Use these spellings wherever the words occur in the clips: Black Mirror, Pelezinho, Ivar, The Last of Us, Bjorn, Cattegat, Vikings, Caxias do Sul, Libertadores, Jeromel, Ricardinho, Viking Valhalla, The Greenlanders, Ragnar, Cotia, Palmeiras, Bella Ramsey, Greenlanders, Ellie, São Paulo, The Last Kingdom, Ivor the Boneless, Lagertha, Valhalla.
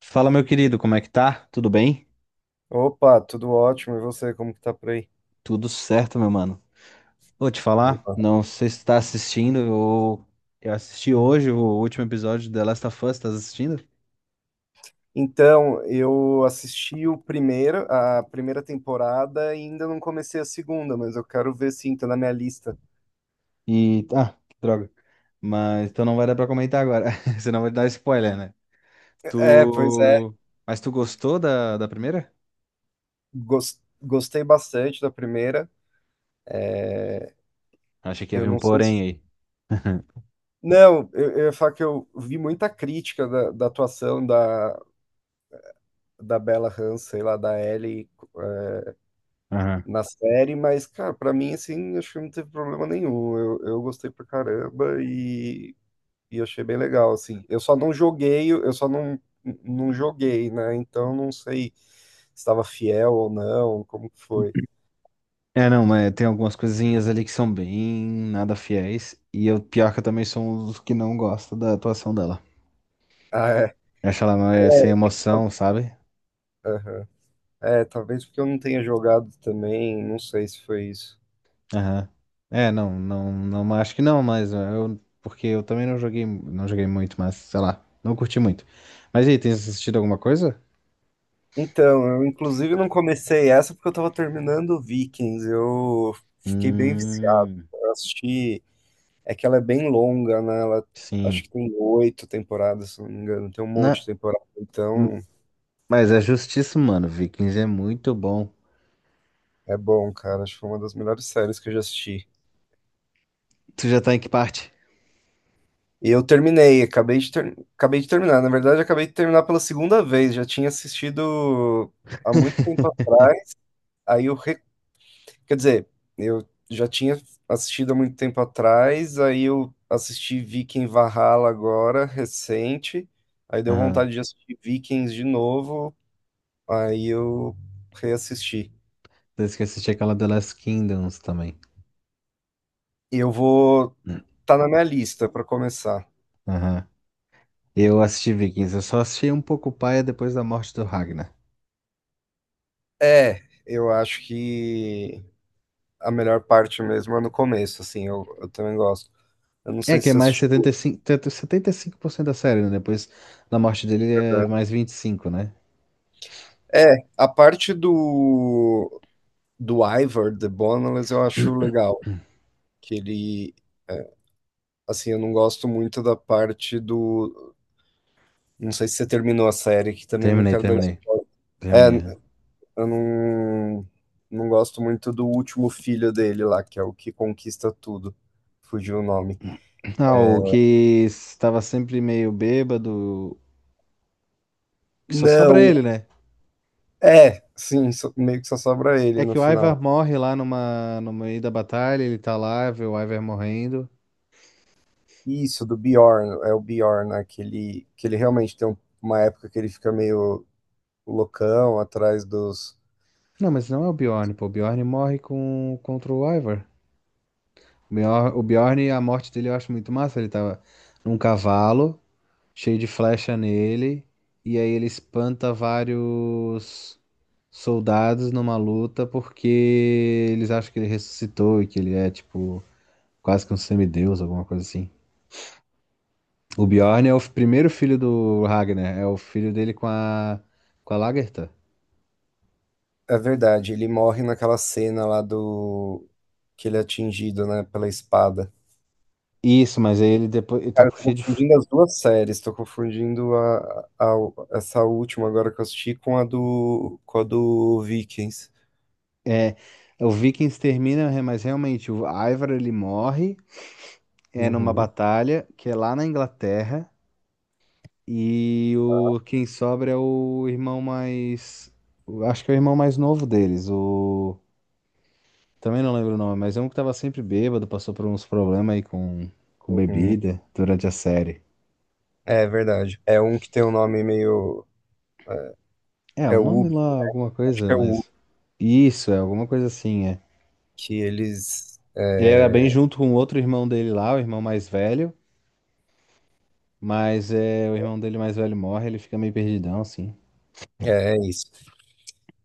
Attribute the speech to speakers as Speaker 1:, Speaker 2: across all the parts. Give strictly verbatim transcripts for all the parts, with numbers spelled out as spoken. Speaker 1: Fala, meu querido, como é que tá? Tudo bem?
Speaker 2: Opa, tudo ótimo. E você, como que tá por aí?
Speaker 1: Tudo certo, meu mano. Vou te falar,
Speaker 2: Opa.
Speaker 1: não sei se tá assistindo, eu, eu assisti hoje o último episódio de The Last of Us, estás assistindo?
Speaker 2: Então, eu assisti o primeiro, a primeira temporada e ainda não comecei a segunda, mas eu quero ver sim, tá na minha lista.
Speaker 1: E, ah, que droga. Mas, então não vai dar pra comentar agora, senão vai dar spoiler, né?
Speaker 2: É, pois é.
Speaker 1: Tu... Mas tu gostou da, da primeira?
Speaker 2: Gos- Gostei bastante da primeira.
Speaker 1: Achei que
Speaker 2: Eu
Speaker 1: havia um
Speaker 2: não sei
Speaker 1: porém
Speaker 2: se.
Speaker 1: aí.
Speaker 2: Não, eu, eu ia falar que eu vi muita crítica da, da atuação da, da Bella Ramsey, lá da Ellie, eh,
Speaker 1: Aham.
Speaker 2: na série, mas, cara, pra mim, assim, acho que não teve problema nenhum. Eu, eu gostei pra caramba e E eu achei bem legal, assim. Eu só não joguei, eu só não, não joguei, né? Então não sei se estava fiel ou não, como que foi.
Speaker 1: É, não, mas tem algumas coisinhas ali que são bem nada fiéis, e eu, pior que eu também sou um dos que não gosta da atuação dela.
Speaker 2: Ah, é.
Speaker 1: Eu acho ela mais sem emoção, sabe?
Speaker 2: Aham. É, talvez porque eu não tenha jogado também, não sei se foi isso.
Speaker 1: Aham. É, não, não, não, acho que não, mas eh, eu, porque eu também não joguei, não joguei muito, mas sei lá, não curti muito. Mas e aí, tem assistido alguma coisa?
Speaker 2: Então, eu inclusive não comecei essa porque eu tava terminando Vikings. Eu fiquei bem viciado.
Speaker 1: Hum,
Speaker 2: Eu assisti. É que ela é bem longa, né? Ela acho
Speaker 1: sim.
Speaker 2: que tem oito temporadas, se não me engano. Tem um monte
Speaker 1: Na,
Speaker 2: de temporada.
Speaker 1: hum,
Speaker 2: Então,
Speaker 1: mas é justíssimo, mano. Vikings é muito bom.
Speaker 2: é bom, cara. Acho que foi uma das melhores séries que eu já assisti.
Speaker 1: Tu já tá em que parte?
Speaker 2: E eu terminei, acabei de, ter- acabei de terminar. Na verdade, acabei de terminar pela segunda vez. Já tinha assistido há muito tempo atrás. Aí eu, re- quer dizer, eu já tinha assistido há muito tempo atrás. Aí eu assisti Viking Valhalla agora, recente. Aí deu
Speaker 1: Aham.
Speaker 2: vontade de assistir Vikings de novo. Aí eu reassisti.
Speaker 1: Desde que eu assisti aquela The Last Kingdoms também.
Speaker 2: E eu vou.
Speaker 1: Hum.
Speaker 2: Tá na minha lista para começar.
Speaker 1: Aham. Eu assisti Vikings, eu só assisti um pouco paia depois da morte do Ragnar.
Speaker 2: É, eu acho que a melhor parte mesmo é no começo, assim, eu, eu também gosto. Eu não
Speaker 1: É
Speaker 2: sei
Speaker 1: que
Speaker 2: se
Speaker 1: é
Speaker 2: você
Speaker 1: mais setenta
Speaker 2: assistiu.
Speaker 1: setenta e e cinco, setenta e cinco por cento da série, né? Depois da morte dele é mais vinte e cinco, né?
Speaker 2: É, a parte do, do Ivor, The Boneless, eu acho legal. Que ele, assim, eu não gosto muito da parte do. Não sei se você terminou a série, que também não
Speaker 1: Terminei,
Speaker 2: quero dar.
Speaker 1: terminei.
Speaker 2: É,
Speaker 1: Terminei. Aham.
Speaker 2: eu não, não gosto muito do último filho dele lá, que é o que conquista tudo. Fugiu o nome.
Speaker 1: Ah, o que estava sempre meio bêbado, que só sobra
Speaker 2: Não,
Speaker 1: ele, né?
Speaker 2: é, sim, só- meio que só sobra
Speaker 1: É
Speaker 2: ele no
Speaker 1: que o
Speaker 2: final.
Speaker 1: Ivar morre lá numa, no meio da batalha, ele tá lá, vê o Ivar morrendo.
Speaker 2: Isso, do Bjorn, é o Bjorn, né? Que ele, que ele realmente tem um- uma época que ele fica meio o Locão atrás dos.
Speaker 1: Não, mas não é o Bjorn, pô. O Bjorn morre com, contra o Ivar. O Bjorn, o Bjorn, a morte dele eu acho muito massa. Ele tava num cavalo, cheio de flecha nele, e aí ele espanta vários soldados numa luta porque eles acham que ele ressuscitou e que ele é tipo quase que um semideus, alguma coisa assim. O Bjorn é o primeiro filho do Ragnar, é o filho dele com a com a Lagertha.
Speaker 2: É verdade, ele morre naquela cena lá do. Que ele é atingido, né, pela espada.
Speaker 1: Isso, mas aí ele depois ele tá
Speaker 2: Cara, eu
Speaker 1: com
Speaker 2: tô
Speaker 1: cheio de f-
Speaker 2: confundindo as duas séries, tô confundindo a, a- essa última agora que eu assisti com a do, com a do Vikings.
Speaker 1: é, o Vikings termina, mas realmente o Ivar ele morre é numa
Speaker 2: Uhum,
Speaker 1: batalha que é lá na Inglaterra. E o quem sobra é o irmão mais. O- Acho que é o irmão mais novo deles. O. Também não lembro o nome, mas é um que tava sempre bêbado, passou por uns problemas aí com, com
Speaker 2: uhum.
Speaker 1: bebida durante a série.
Speaker 2: É verdade. É um que tem um nome meio.
Speaker 1: É, o
Speaker 2: É o
Speaker 1: nome
Speaker 2: Ubi,
Speaker 1: lá, alguma
Speaker 2: acho
Speaker 1: coisa,
Speaker 2: que é o Ubi,
Speaker 1: mas. Isso, é alguma coisa assim, é.
Speaker 2: que eles.
Speaker 1: Ele era bem
Speaker 2: É,
Speaker 1: junto com o outro irmão dele lá, o irmão mais velho, mas é, o irmão dele mais velho morre, ele fica meio perdidão, assim.
Speaker 2: é, é isso.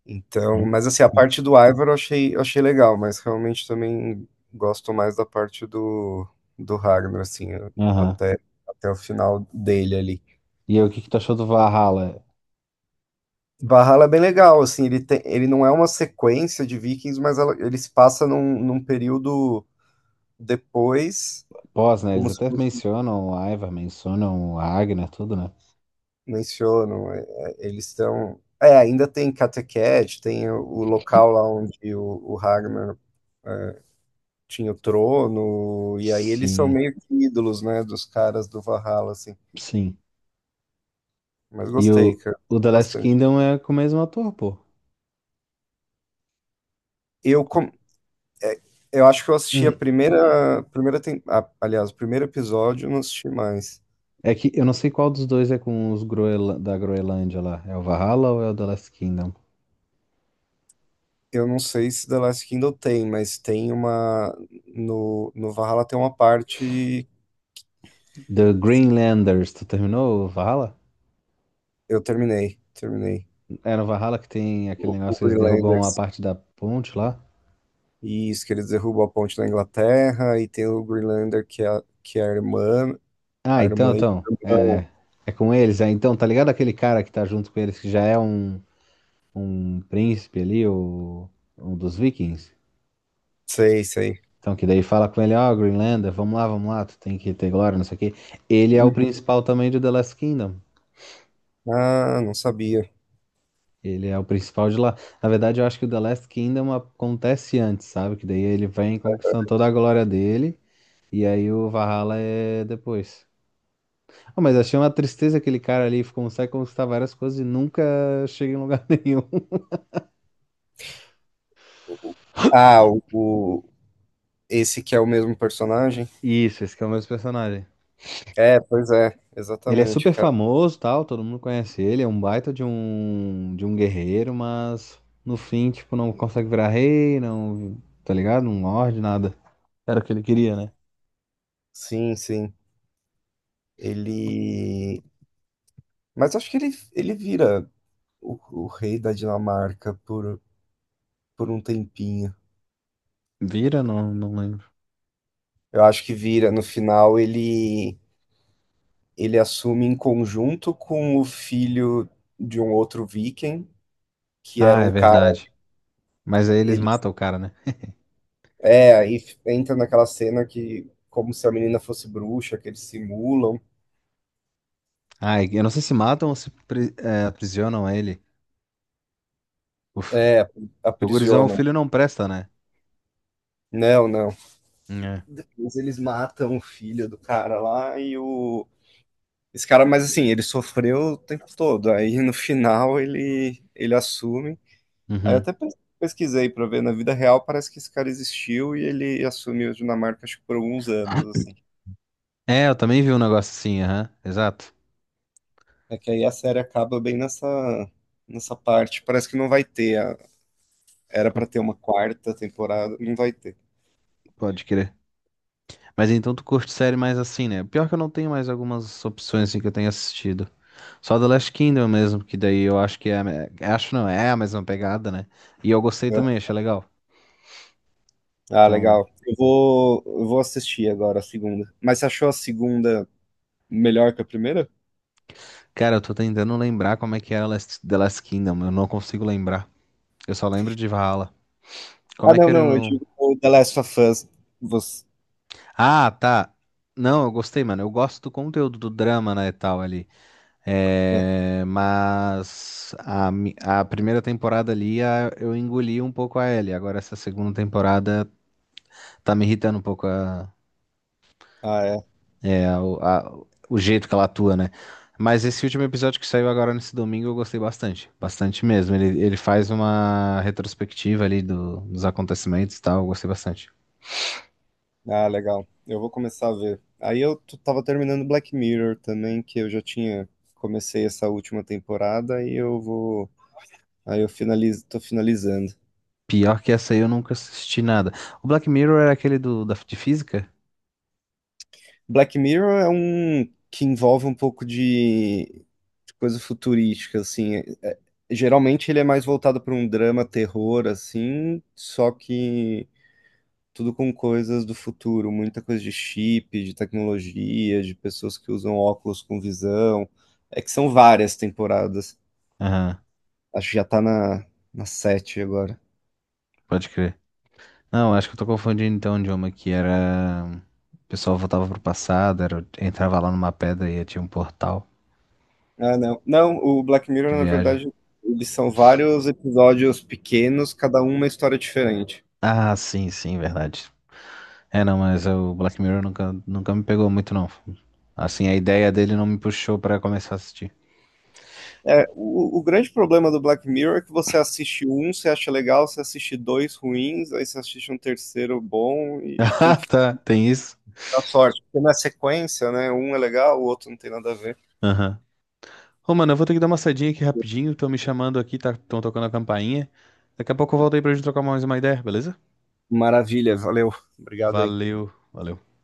Speaker 2: Então,
Speaker 1: Uhum.
Speaker 2: mas assim, a parte do Ivar eu achei, eu achei legal, mas realmente também gosto mais da parte do, do Ragnar, assim,
Speaker 1: Aham.
Speaker 2: até, até o final dele ali.
Speaker 1: E aí, o que que tu achou do Valhalla?
Speaker 2: Valhalla é bem legal, assim, ele, tem, ele não é uma sequência de Vikings, mas ela, ele se passa num, num período depois,
Speaker 1: Pós, né?
Speaker 2: como
Speaker 1: Eles
Speaker 2: se
Speaker 1: até
Speaker 2: fosse,
Speaker 1: mencionam o Ivar, mencionam a Ragnar, tudo, né?
Speaker 2: mencionam, é, é, eles estão... É, ainda tem Cattegat, tem o, o local lá onde o, o Ragnar tinha o Trono, e aí eles são
Speaker 1: Sim,
Speaker 2: meio que ídolos, né, dos caras do Valhalla, assim.
Speaker 1: sim.
Speaker 2: Mas
Speaker 1: E
Speaker 2: gostei,
Speaker 1: o,
Speaker 2: cara,
Speaker 1: o The Last
Speaker 2: bastante.
Speaker 1: Kingdom é com o mesmo ator, pô.
Speaker 2: Eu, com- eu acho que eu assisti a
Speaker 1: Hum.
Speaker 2: primeira, primeira tem... ah, aliás, o primeiro episódio, eu não assisti mais.
Speaker 1: É que eu não sei qual dos dois é com os Groenla- da Groenlândia lá. É o Valhalla ou é o The Last Kingdom?
Speaker 2: Eu não sei se The Last Kingdom tem, mas tem uma, no, no Valhalla tem uma parte,
Speaker 1: The Greenlanders. Tu terminou o Valhalla?
Speaker 2: eu terminei, terminei.
Speaker 1: Era o Valhalla que tem aquele
Speaker 2: O,
Speaker 1: negócio
Speaker 2: o
Speaker 1: que eles derrubam a
Speaker 2: Greenlanders.
Speaker 1: parte da ponte lá?
Speaker 2: Isso, que eles derrubam a ponte na Inglaterra, e tem o Greenlander que é, a- que é a irmã,
Speaker 1: Ah,
Speaker 2: a
Speaker 1: então,
Speaker 2: irmã e
Speaker 1: então.
Speaker 2: o
Speaker 1: É,
Speaker 2: irmão.
Speaker 1: é. É com eles. É, então, tá ligado aquele cara que tá junto com eles que já é um. um príncipe ali, o, um dos vikings.
Speaker 2: Sei, sei.
Speaker 1: Então, que daí fala com ele, ó, Greenlander, vamos lá, vamos lá, tu tem que ter glória, não sei o quê. Ele é o
Speaker 2: Uhum.
Speaker 1: principal também de The Last Kingdom.
Speaker 2: Ah, não sabia.
Speaker 1: Ele é o principal de lá. Na verdade, eu acho que o The Last Kingdom acontece antes, sabe? Que daí ele vem conquistando toda a glória dele, e aí o Valhalla é depois. Ah, mas achei uma tristeza aquele cara ali, consegue conquistar várias coisas e nunca chega em lugar nenhum.
Speaker 2: Ah, o, o- esse que é o mesmo personagem?
Speaker 1: Isso, esse que é o mesmo personagem.
Speaker 2: É, pois é,
Speaker 1: Ele é
Speaker 2: exatamente,
Speaker 1: super
Speaker 2: cara.
Speaker 1: famoso, tal, todo mundo conhece ele, é um baita de um de um guerreiro, mas no fim, tipo, não consegue virar rei, não, tá ligado? Não lorde nada. Era o que ele queria, né?
Speaker 2: Sim, sim. Ele. Mas acho que ele, ele vira o, o rei da Dinamarca por, por um tempinho.
Speaker 1: Vira? Não, não lembro.
Speaker 2: Eu acho que vira. No final, ele, ele assume em conjunto com o filho de um outro viking, que era
Speaker 1: Ah, é
Speaker 2: um cara.
Speaker 1: verdade. Mas aí eles
Speaker 2: Ele,
Speaker 1: matam o cara, né?
Speaker 2: é, aí entra naquela cena que, como se a menina fosse bruxa, que eles simulam.
Speaker 1: Ah, eu não sei se matam ou se pri- é, aprisionam ele. Uf.
Speaker 2: É,
Speaker 1: O gurizão, o
Speaker 2: aprisionam.
Speaker 1: filho não presta, né?
Speaker 2: Não, não.
Speaker 1: É.
Speaker 2: Depois eles matam o filho do cara lá e o. Esse cara, mas assim, ele sofreu o tempo todo. Aí no final ele, ele assume. Aí eu
Speaker 1: Uhum.
Speaker 2: até pes- pesquisei pra ver, na vida real parece que esse cara existiu e ele assumiu a Dinamarca, acho que por alguns anos, assim.
Speaker 1: É, eu também vi um negócio assim, aham. Exato.
Speaker 2: É que aí a série acaba bem nessa, nessa parte. Parece que não vai ter. a- Era
Speaker 1: Co-
Speaker 2: pra ter uma quarta temporada, não vai ter.
Speaker 1: Pode crer. Mas então tu curte série mais assim, né? Pior que eu não tenho mais algumas opções assim que eu tenho assistido. Só The Last Kingdom mesmo, que daí eu acho que é. A me- Acho não, é a mesma pegada, né? E eu gostei também, achei legal.
Speaker 2: Ah,
Speaker 1: Então,
Speaker 2: legal. Eu vou, eu vou assistir agora a segunda. Mas você achou a segunda melhor que a primeira?
Speaker 1: cara, eu tô tentando lembrar como é que era Last- The Last Kingdom. Eu não consigo lembrar. Eu só lembro de Valhalla. Como
Speaker 2: Ah,
Speaker 1: é que
Speaker 2: não,
Speaker 1: era
Speaker 2: não, eu
Speaker 1: o.
Speaker 2: digo o The Last of Us. Você...
Speaker 1: Ah, tá. Não, eu gostei, mano. Eu gosto do conteúdo do drama, né, e tal ali. É, mas a, mi- a primeira temporada ali a- eu engoli um pouco a Ellie. Agora essa segunda temporada tá me irritando um pouco a-
Speaker 2: Ah, é.
Speaker 1: é, a- o a- o jeito que ela atua, né? Mas esse último episódio que saiu agora nesse domingo eu gostei bastante. Bastante mesmo. Ele, ele faz uma retrospectiva ali do- dos acontecimentos e tal. Eu gostei bastante.
Speaker 2: Ah, legal. Eu vou começar a ver. Aí eu t- tava terminando Black Mirror também, que eu já tinha comecei essa última temporada e eu vou. Aí eu finalizo, tô finalizando.
Speaker 1: Pior que essa aí eu nunca assisti nada. O Black Mirror era aquele do, da, de física?
Speaker 2: Black Mirror é um que envolve um pouco de, de coisa futurística, assim. É- é- geralmente ele é mais voltado para um drama, terror, assim, só que tudo com coisas do futuro, muita coisa de chip, de tecnologia, de pessoas que usam óculos com visão. É que são várias temporadas.
Speaker 1: Aham,
Speaker 2: Acho que já tá na, na sete agora.
Speaker 1: pode crer. Não, acho que eu tô confundindo então o idioma que era. O pessoal voltava pro passado, era... entrava lá numa pedra e tinha um portal
Speaker 2: Ah, não. Não, o Black
Speaker 1: de
Speaker 2: Mirror, na
Speaker 1: viagem.
Speaker 2: verdade, eles são vários episódios pequenos, cada um uma história diferente.
Speaker 1: Ah, sim, sim, verdade. É, não, mas o Black Mirror nunca, nunca me pegou muito, não. Assim, a ideia dele não me puxou pra começar a assistir.
Speaker 2: É, o, o grande problema do Black Mirror é que você assiste um, você acha legal, você assiste dois ruins, aí você assiste um terceiro bom e tem
Speaker 1: Ah,
Speaker 2: que
Speaker 1: tá, tem isso?
Speaker 2: dar sorte, porque na sequência, né? Um é legal, o outro não tem nada a ver.
Speaker 1: Aham. Ô, mano, eu vou ter que dar uma saidinha aqui rapidinho, estão me chamando aqui, tá, estão tocando a campainha. Daqui a pouco eu volto aí pra gente trocar mais uma ideia, beleza?
Speaker 2: Maravilha, valeu. Obrigado aí.
Speaker 1: Valeu, valeu.